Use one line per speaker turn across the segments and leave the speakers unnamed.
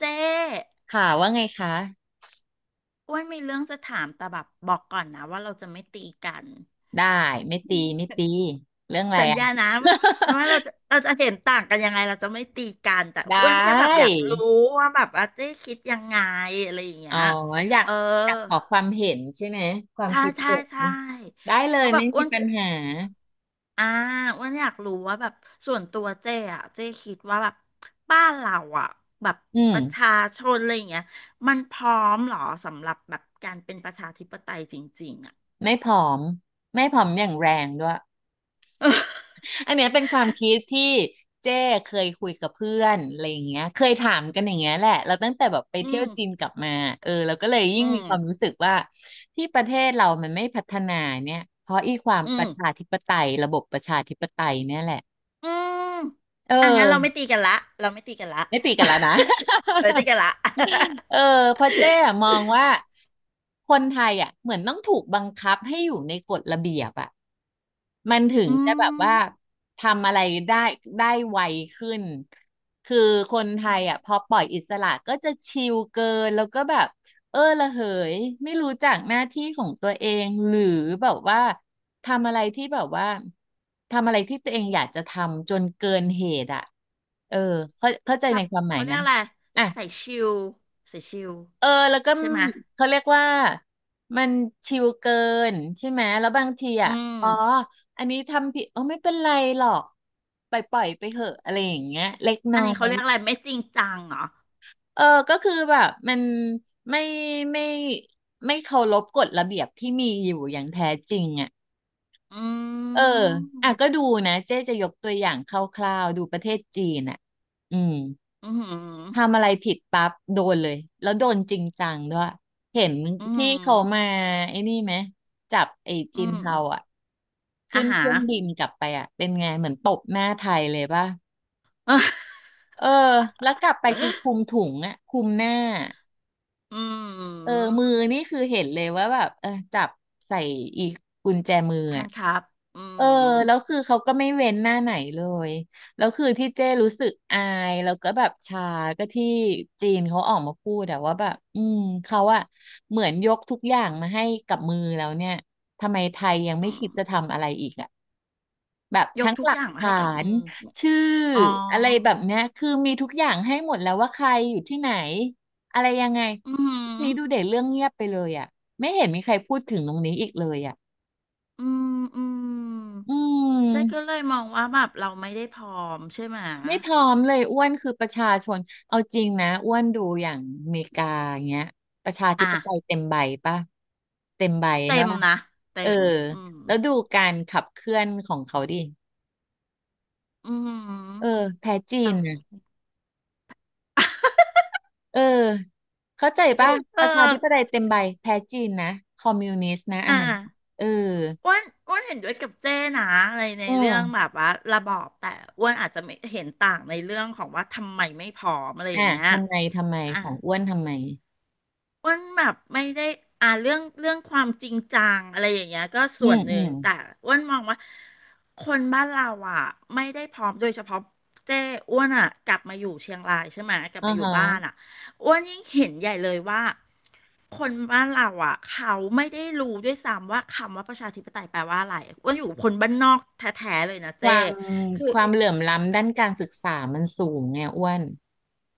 เจ๊
ค่ะว่าไงคะ
อ้วนมีเรื่องจะถามแต่แบบบอกก่อนนะว่าเราจะไม่ตีกัน
ได้ไม่ตีไม่ตีเรื่องอะไร
สัญ
อ่ะ
ญานะ ว่าเราจะเห็นต่างกันยังไงเราจะไม่ตีกันแต่
ได
อ้วนแค่แบบอ
้
ยากรู้ว่าแบบอาเจ๊คิดยังไงอะไรอย่างเงี้
อ๋อ
ย
อยาก
เออ
อยากขอความเห็นใช่ไหมความ
ใช่
คิด
ใช่
เห็น
ใช่
ได้เล
เพ
ย
ราะแบ
ไม่
บอ้
มี
วน
ปัญหา
อ่าอ้วนอยากรู้ว่าแบบส่วนตัวเจ๊อะเจ๊คิดว่าแบบบ้านเราอะแบบ
อืม
ประชาชนอะไรอย่างเงี้ยมันพร้อมเหรอสำหรับแบบการเป็นประชาธิปไตยจริงๆอะ
ไม่ผอมไม่ผอมอย่างแรงด้วย อันเนี้ยเป็นความคิดที่เจ้เคยคุยกับเพื่อนอะไรอย่างเงี้ยเคยถามกันอย่างเงี้ยแหละเราตั้งแต่แบบไป
อื
เที่ย
ม
วจีนกลับมาเออเราก็เลยยิ่
อื
งมี
ม
ความรู้สึกว่าที่ประเทศเรามันไม่พัฒนาเนี่ยเพราะอีความ
อื
ป
ม
ระชาธิปไตยระบบประชาธิปไตยเนี่ยแหละ
อืม
เอ
อ่ะงั้นเราไม่ตี
อ
กันละ เราไม่ตีกันละ
ไม่ตีกันแล้วนะ
เออตี กันละ
เออเพราะเจ๊อะมองว่าคนไทยอ่ะเหมือนต้องถูกบังคับให้อยู่ในกฎระเบียบอ่ะมันถึ ง
อื
จะแบบ
ม
ว่าทำอะไรได้ได้ไวขึ้นคือคนไท
อื
ยอ่ะพอ
ม
ปล่อยอิสระก็จะชิลเกินแล้วก็แบบเออละเหยไม่รู้จักหน้าที่ของตัวเองหรือแบบว่าทำอะไรที่แบบว่าทำอะไรที่ตัวเองอยากจะทำจนเกินเหตุอ่ะเออเข้าใจ
จั
ใน
บ
ความหมาย
เขาเรี
ไหม
ยกอะไร
อ่ะ
ใส่ชิลใส่ชิล
เออแล้วก็
ใช่ไหมย
เขาเรียกว่ามันชิวเกินใช่ไหมแล้วบางที
อื
อ่ะ
ม
อ๋ออันนี้ทำผิดเออไม่เป็นไรหรอกปล่อยไปเหอะอะไรอย่างเงี้ยเล็ก
อั
น้อ
นนี้เขา
ย
เรียกอะไรไม่จริงจังเหรอ
เออก็คือแบบมันไม่ไม่ไม่เคารพกฎระเบียบที่มีอยู่อย่างแท้จริงอ่ะ
อื
เอออ่ะก็
ม
ดูนะเจ๊จะยกตัวอย่างคร่าวๆดูประเทศจีนอ่ะอืม
อืมอหือ
ทำอะไรผิดปั๊บโดนเลยแล้วโดนจริงจังด้วยเห็น
อืมอหื
ที่เขามา
อ
ไอ้นี่ไหมจับไอ้
อื
จีน
ม
เทาอ่ะขึ้
อา
นเค
หา
รื่
ร
องบินกลับไปอ่ะเป็นไงเหมือนตบหน้าไทยเลยป่ะเออแล้วกลับไปคือคลุมถุงอ่ะคลุมหน้า
อื
เออ
ม
มือนี่คือเห็นเลยว่าแบบเออจับใส่อีกกุญแจมือ
แฮ
อ่ะ
นด์คัพอื
เออแล้ว
ม
คือเขาก็ไม่เว้นหน้าไหนเลยแล้วคือที่เจ้รู้สึกอายแล้วก็แบบชาก็ที่จีนเขาออกมาพูดแต่ว่าแบบอืมเขาอะเหมือนยกทุกอย่างมาให้กับมือแล้วเนี่ยทำไมไทยยังไม่
อืม
คิดจะทำอะไรอีกอะแบบ
ยก
ทั้ง
ทุ
ห
ก
ลั
อ
ก
ย่างมา
ฐา
ให้กับมื
น
อ
ชื่อ
อ๋อ
อะไรแบบเนี้ยคือมีทุกอย่างให้หมดแล้วว่าใครอยู่ที่ไหนอะไรยังไง
อื
นี่
ม
ดูเด็ดเรื่องเงียบไปเลยอะไม่เห็นมีใครพูดถึงตรงนี้อีกเลยอะ
อืมอืม
อื
เจ๊ก็เล
ม
ยมองว่าแบบเราไม่ได้พร้อมใช่ไหม
ไม่พร้อมเลยอ้วนคือประชาชนเอาจริงนะอ้วนดูอย่างอเมริกาอย่างเงี้ยประชาธิ
อ่ะ
ปไตยเต็มใบป่ะเต็มใบ
เต็
ใช่
ม
ปะ
นะเต็
เออ
มอืม
แล้วดูการขับเคลื่อนของเขาดิ
อื
เออ
ม
แพ้จีน
เรา
นะเออเข้าใจปะป
เออ
ระชาธิปไตยเต็มใบแพ้จีนนะคอมมิวนิสต์นะอั
อ่ะ
นนั้นเออ
อ้วนเห็นด้วยกับเจ้นะอะไรใน
เอ
เรื่องแบ
อ
บว่าระบอบแต่อ้วนอาจจะไม่เห็นต่างในเรื่องของว่าทำไมไม่พร้อมอะไรอ
อ่ะ
ย่างเงี้ย
ทำไม
อ่ะ
ของอ้วนทำไม
อ้วนแบบไม่ได้อ่าเรื่องเรื่องความจริงจังอะไรอย่างเงี้ยก็
อื
ส่วน
ม
ห
อื
นึ่ง
ม
แต่อ้วนมองว่าคนบ้านเราอ่ะไม่ได้พร้อมโดยเฉพาะเจ้อ้วนอ่ะกลับมาอยู่เชียงรายใช่ไหมกลับ
อ่า
มาอยู่
ฮะ
บ้านอ่ะอ้วนยิ่งเห็นใหญ่เลยว่าคนบ้านเราอ่ะเขาไม่ได้รู้ด้วยซ้ำว่าคำว่าประชาธิปไตยแปลว่าอะไรอ้วนอยู่กับคนบ้านนอกแท้ๆเลยนะ
ค
เจ้
วาม
คือ
ความเหลื่อมล้ำด้านการศึกษามันสูงไงอ้วน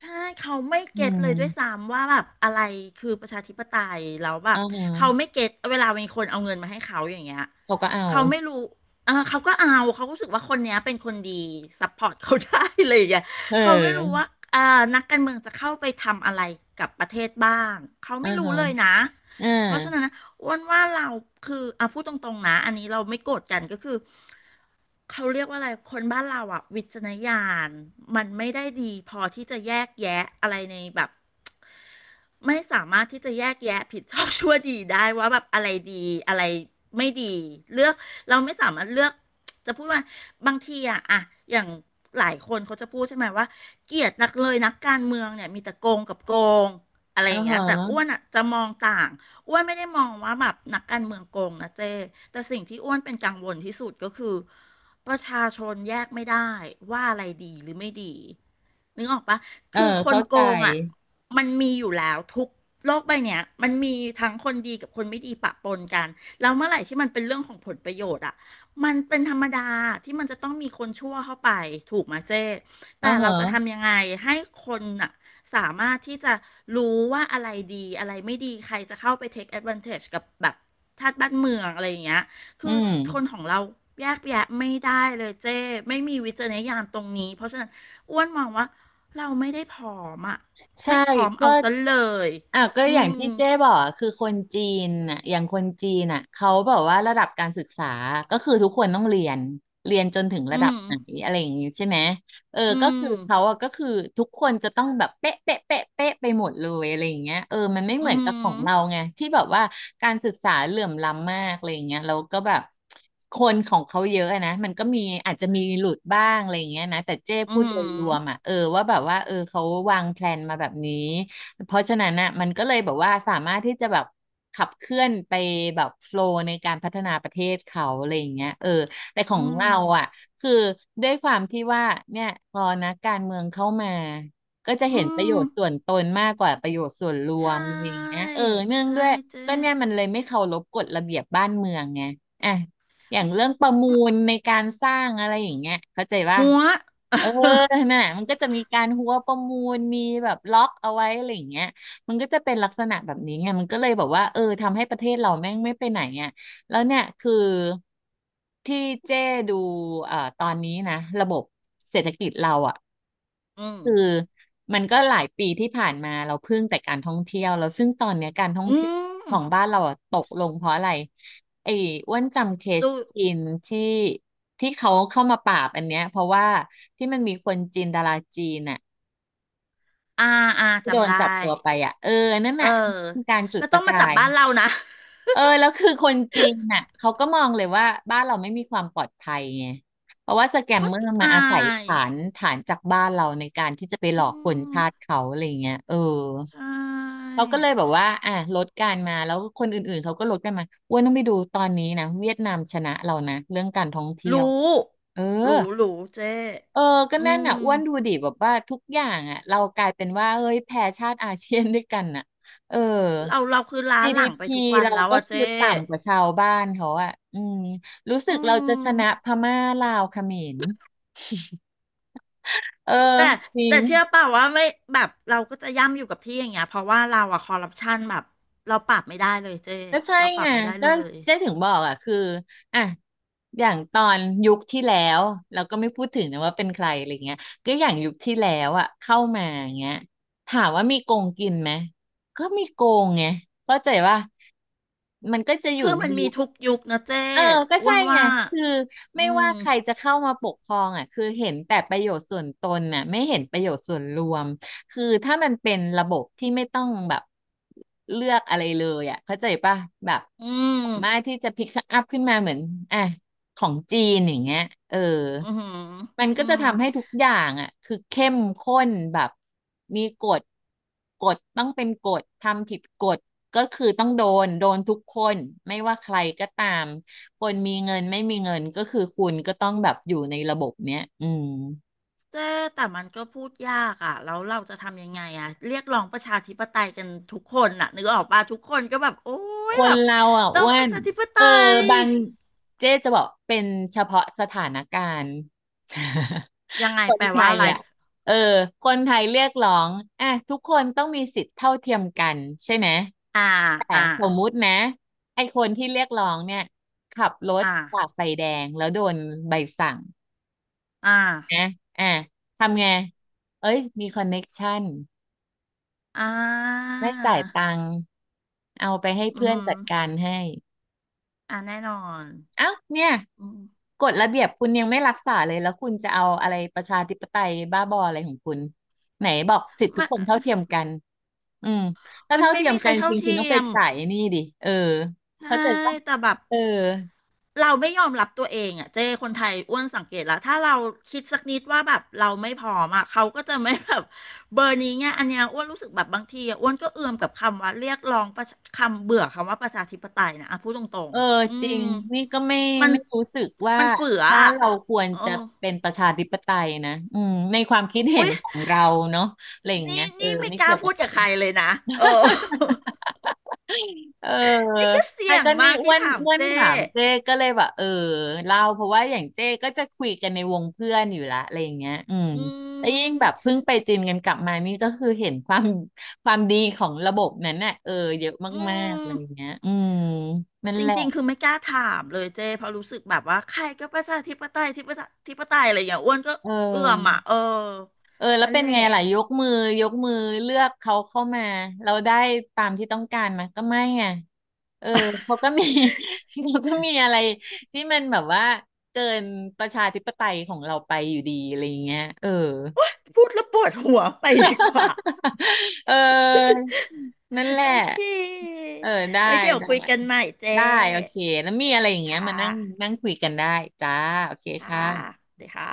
ใช่เขาไม่
อื
เก็ตเลยด้วย
ม
ซ้ำว่าแบบอะไรคือประชาธิปไตยแล้วแบ
อ่า
บเขา
ฮะ
ไม่เก็ตเวลามีคนเอาเงินมาให้เขาอย่างเงี้ย
เขาก็เอา
เขาไม่รู้เออเขาก็เอาเขารู้สึกว่าคนเนี้ยเป็นคนดีซัพพอร์ตเขาได้อะไรอย่างเงี้ย
เอ
เขาไม่รู้
อ
ว่าเอ่อนักการเมืองจะเข้าไปทำอะไรกับประเทศบ้างเขา
อ่า
ไม่รู้
ฮะ
เลยนะ
อ่า
เพราะฉะนั้นนะอ้วนว่าเราคืออ่ะพูดตรงๆนะอันนี้เราไม่โกรธกันก็คือ เขาเรียกว่าอะไร คนบ้านเราอะวิจารณญาณมันไม่ได้ดีพอที่จะแยกแยะอะไรในแบบ ไม่สามารถที่จะแยกแยะผิดชอบชั่วดีได้ว่าแบบอะไรดีอะไรไม่ดีเลือกเราไม่สามารถเลือกจะพูดว่าบางทีอะอย่างหลายคนเขาจะพูดใช่ไหมว่าเกลียดนักเลยนักการเมืองเนี่ยมีแต่โกงกับโกงอะไรอ
อ่า
ย่างเงี้
ฮะ
ยแต่อ้วนอะจะมองต่างอ้วนไม่ได้มองว่าแบบนักการเมืองโกงนะเจ้แต่สิ่งที่อ้วนเป็นกังวลที่สุดก็คือประชาชนแยกไม่ได้ว่าอะไรดีหรือไม่ดีนึกออกปะ
เออ
คือคน
เข้า
โก
ใจ
งอ่ะมันมีอยู่แล้วทุกโลกใบเนี้ยมันมีทั้งคนดีกับคนไม่ดีปะปนกันแล้วเมื่อไหร่ที่มันเป็นเรื่องของผลประโยชน์อ่ะมันเป็นธรรมดาที่มันจะต้องมีคนชั่วเข้าไปถูกไหมเจ๊
อ่า
แต่
ฮะ
เราจะทำยังไงให้คนอ่ะสามารถที่จะรู้ว่าอะไรดีอะไรไม่ดีใครจะเข้าไป take advantage กับแบบชาติบ้านเมืองอะไรอย่างเงี้ย
อื
คือ
ม
คนของเราแยกแยะไม่ได้เลยเจ้ไม่มีวิจารณญาณตรงนี้เพราะฉะนั้นอ้วนมองว่า เราไม่ได้ผอมอ่ะ
ใช่
ไม่ผอม
ก็
เอาซะเลย
อ่ะก็
อื
อย่างที่
ม
เจ๊บอกอะคือคนจีนน่ะอย่างคนจีนน่ะเขาแบบว่าระดับการศึกษา ก็คือทุกคนต้องเรียน เรียนจนถึง
อื
ระดับ
ม
ไหนอะไรอย่างงี้ใช่ไหม เออ
อื
ก็
ม
คือเขาอะก็คือทุกคนจะต้องแบบเป๊ะเป๊ะเป๊ะเป๊ะไปหมดเลยอะไรอย่างเงี้ยเออมันไม่เห
อื
มือนกับขอ
ม
งเราไงที่แบบว่าการศึกษาเหลื่อมล้ำมากอะไรอย่างเงี้ยแล้วก็แบบคนของเขาเยอะอะนะมันก็มีอาจจะมีหลุดบ้างอะไรอย่างเงี้ยนะแต่เจ้
อื
พูดโดยรวม
ม
อะเออว่าแบบว่าเออเขาวางแพลนมาแบบนี้เพราะฉะนั้นน่ะมันก็เลยแบบว่าสามารถที่จะแบบขับเคลื่อนไปแบบโฟล์ในการพัฒนาประเทศเขาอะไรอย่างเงี้ยเออแต่ขอ
อื
งเรา
ม
อ่ะ คือด้วยความที่ว่าเนี่ยพอนักการเมืองเข้ามาก็จะ
อื
เห็นประโย
ม
ชน์ส่วนตนมากกว่าประโยชน์ส่วนร
ใช
วมอะไรอย่าง
่
เงี้ยเออเนื่อง
ใช่
ด้วย
เจ๊
ก็เนี่ยมันเลยไม่เคารพกฎระเบียบบ้านเมืองไงอ่ะอย่างเรื่องประมูลในการสร้างอะไรอย่างเงี้ยเข้าใจว่า
หัว
เออน่ะมันก็จะมีการหัวประมูลมีแบบล็อกเอาไว้อะไรอย่างเงี้ยมันก็จะเป็นลักษณะแบบนี้ไงมันก็เลยแบบว่าเออทำให้ประเทศเราแม่งไม่ไปไหนอ่ะ แล้วเนี่ยคือที่เจ้ดูตอนนี้นะระบบเศรษฐกิจเราอ่ะ
อืม
คือมันก็หลายปีที่ผ่านมาเราพึ่งแต่การท่องเที่ยวแล้วซึ่งตอนเนี้ยการท่อง
อื
เที่ยวข
ม
องบ้านเราอะตกลงเพราะอะไรไอ้อ้วนจำเคส
สู้
จีนที่ที่เขาเข้ามาปราบอันเนี้ยเพราะว่าที่มันมีคนจีนดาราจีนน่ะ
อาอา
ที่โด
จำ
น
ได้
จับตัวไปอ่ะเออนั่น
เออ
น่ะคือการจุด
แล้ว
ป
ต้อ
ระ
งมาจั
กา
บ
ย
บ้านเรานะ
เออแล้วคือคนจีนน่ะเขาก็มองเลยว่าบ้านเราไม่มีความปลอดภัยไงเพราะว่าสแก
โค
มเม
ต
อ
ร
ร์มา
อา
อาศัย
ย
ฐานจากบ้านเราในการที่จะไปหลอ
อื
กคน
ม
ชาติเขาอะไรเงี้ยเออ
ใช่
เขาก็เลยแบบว่าอ่ะลดการมาแล้วคนอื่นๆเขาก็ลดกันมาอ้วนต้องไปดูตอนนี้นะเวียดนามชนะเรานะเรื่องการท่องเที่ยว
รู้
เออ
รู้รู้เจ๊
เออก็
อื
นั่นอ่ะ
ม
อ้วนดูดิแบบว่าทุกอย่างอ่ะเรากลายเป็นว่าเฮ้ยแพ้ชาติอาเซียนด้วยกันอ่ะเออ
เราคือล้าหลังไป
GDP
ทุกวัน
เรา
แล้ว
ก็
อะ
คื
เจ๊
อต่ำกว่าชาวบ้านเขาอ่ะอืมรู้สึ
อื
กเราจะ
ม
ชนะพม่าลาวเขมรเออ
แต่
จริ
แต่
ง
เชื่อเปล่าว่าไม่แบบเราก็จะย่ำอยู่กับที่อย่างเงี้ยเพราะว่าเราอะคอร์รัปชันแบบเราปรับไม่ได้เลยเจ๊
ก็ใช่
เราปรั
ไง
บไม่ได้
ก็
เลย
เจ๊ถึงบอกอ่ะคืออ่ะอย่างตอนยุคที่แล้วเราก็ไม่พูดถึงนะว่าเป็นใครอะไรเงี้ยก็อย่างยุคที่แล้วอ่ะเข้ามาอย่างเงี้ยถามว่ามีโกงกินไหมก็มีโกงไงเข้าใจว่ามันก็จะอ
คื
ยู่
อ
ใน
มันมี
ยุค
ทุกยุคนะเจ๊
เออก็
อ้
ใช่
วน
ไง
ว่า
คือ
อื
ไม่
ม
ว่าใครจะเข้ามาปกครองอ่ะ คือเห็นแต่ประโยชน์ส่วนตนน่ะ ไม่เห็นประโยชน์ส่วนรวมคือถ้ามันเป็นระบบที่ไม่ต้องแบบเลือกอะไรเลยอ่ะ เข้าใจป่ะแบบ
อื
สามาร
ม
ถที่จะพิกอัพขึ้นมาเหมือนอ่ะของจีนอย่างเงี้ยเออ
อือหือ
มัน
อื
ก็จะ
ม
ทำให้ทุกอย่างอ่ะคือเข้มข้นแบบมีกฎกฎต้องเป็นกฎทำผิดกฎก็คือต้องโดน โดนทุกคนไม่ว่าใครก็ตาม คนมีเงินไม่มีเงินก็คือคุณก็ต้องแบบอยู่ในระบบเนี้ยอืม
เจ๊แต่มันก็พูดยากอ่ะแล้วเราจะทำยังไงอ่ะเรียกร้องประชาธิปไตยกันทุกคนน่ะนึกออกป่ะทุกคนก็แบบโอ้
ค
ยแบ
น
บ
เราอ่ะ
ต้อ
อ้
ง
ว
ประ
น
ชาธิปไต
เออ
ย
บางเจ๊จะบอกเป็นเฉพาะสถานการณ์
ยังไง
คน
แปล
ไท
ว่า
ย
อะไร
อ่ะเออคนไทยเรียกร้องอ่ะทุกคนต้องมีสิทธิ์เท่าเทียมกันใช่ไหม
อ่า
แต่
อ่า
สมมุตินะไอ้คนที่เรียกร้องเนี่ยขับรถ
อ่า
ฝ่าไฟแดงแล้วโดนใบสั่ง
อ่า
นะอ่ะทำไงเอ้ยมีคอนเน็กชัน
อ่า
ไม่จ่ายตังค์เอาไปให้
อื
เพื่อน
ม
จัดการให้
อ่าแน่นอน
เอ้าเนี่ย
อืม
กฎระเบียบคุณยังไม่รักษาเลยแล้วคุณจะเอาอะไรประชาธิปไตยบ้าบออะไรของคุณไหนบอกสิทธิทุ
มั
ก
น
คนเท่าเทียมกันอืมถ้า
มัน
เท่า
ไม่
เทียม
มีใคร
กัน
เท่า
จริงคุณ
เที
ต้องไป
ยม
จ่ายไอ้นี่ดิเออ
ใช่
เข้าใจป่ะ
แต่แบบ
เออ
เราไม่ยอมรับตัวเองอ่ะเจ้คนไทยอ้วนสังเกตแล้วถ้าเราคิดสักนิดว่าแบบเราไม่พร้อมอ่ะเขาก็จะไม่แบบเบอร์นี้ไงอันเนี้ยอ้วนรู้สึกแบบบางทีอะอ้วนก็เอื่อมกับคำว่าเรียกร้องประชาคำเบื่อคำว่าประชาธิปไตยนะอ่ะพูดตรง
เออ
ๆอื
จริง
ม
นี่ก็ไม่
มัน
ไม่รู้สึกว่า
มันเฟือ
บ้าน
อ่ะ
เราควร
เอ
จะ
อ
เป็นประชาธิปไตยนะอืมในความคิดเห็
อุ๊
น
ย
ของเราเนาะอะไรอย่างเงี้
นี่
ยเออ
นี่ไม่
ไม่
กล้า
เกี่ยวกั
พู
บ
ด
ใค
กับ
ร
ใครเลยนะเออ
เออ
นี่ก็
อ่ะ
เสี่ยง
ก็นี่
มาก
อ้
ที่
วน
ถาม
อ้วน
เจ้
ถามเจ้ก็เลยแบบเออเล่าเพราะว่าอย่างเจ้ก็จะคุยกันในวงเพื่อนอยู่ละอะไรอย่างเงี้ยอืม
อื
แล้วยิ่ง
ม
แบบเพิ่งไปจีนกันกลับมานี่ก็คือเห็นความดีของระบบนั้นน่ะเออเยอะ
อื
มากๆอะ
ม
ไรอย่างเงี้ยอืมนั่น
จ
แหละ
ริงๆคือไม่กล้าถามเลยเจ้เพราะรู้สึกแบบว่าใครก็ประชาธิปไตยที่ประชาธิปไตยอะไรอย่างเงี้ยอ้วนก็
เอ
เอื้อมอ่ะ
อ
เออ
เออแล้ว
นั่น
เป็น
แห
ไง
ละ
ล่ะยกมือยกมือเลือกเขาเข้ามาเราได้ตามที่ต้องการไหมาก็ไม่ไงเออเขาก็มี เขาก็มีอะไรที่มันแบบว่าเกินประชาธิปไตยของเราไปอยู่ดีอะไรอย่างเงี้ยเออ
พูดแล้วปวดหัวไปดีกว่า
เออนั่นแห ละ
โอเค
เออได้
ไว้เดี๋ยว
ได้
คุยกันใหม่เจ้
ได้โอเคแล้วมี
โอ
อะ
เค
ไรอย่างเงี้ย
ค่
มานั่ง
ะ
นั่งคุยกันได้จ้าโอเค
ค่ะ
ค่ะ
เดี๋ยวค่ะ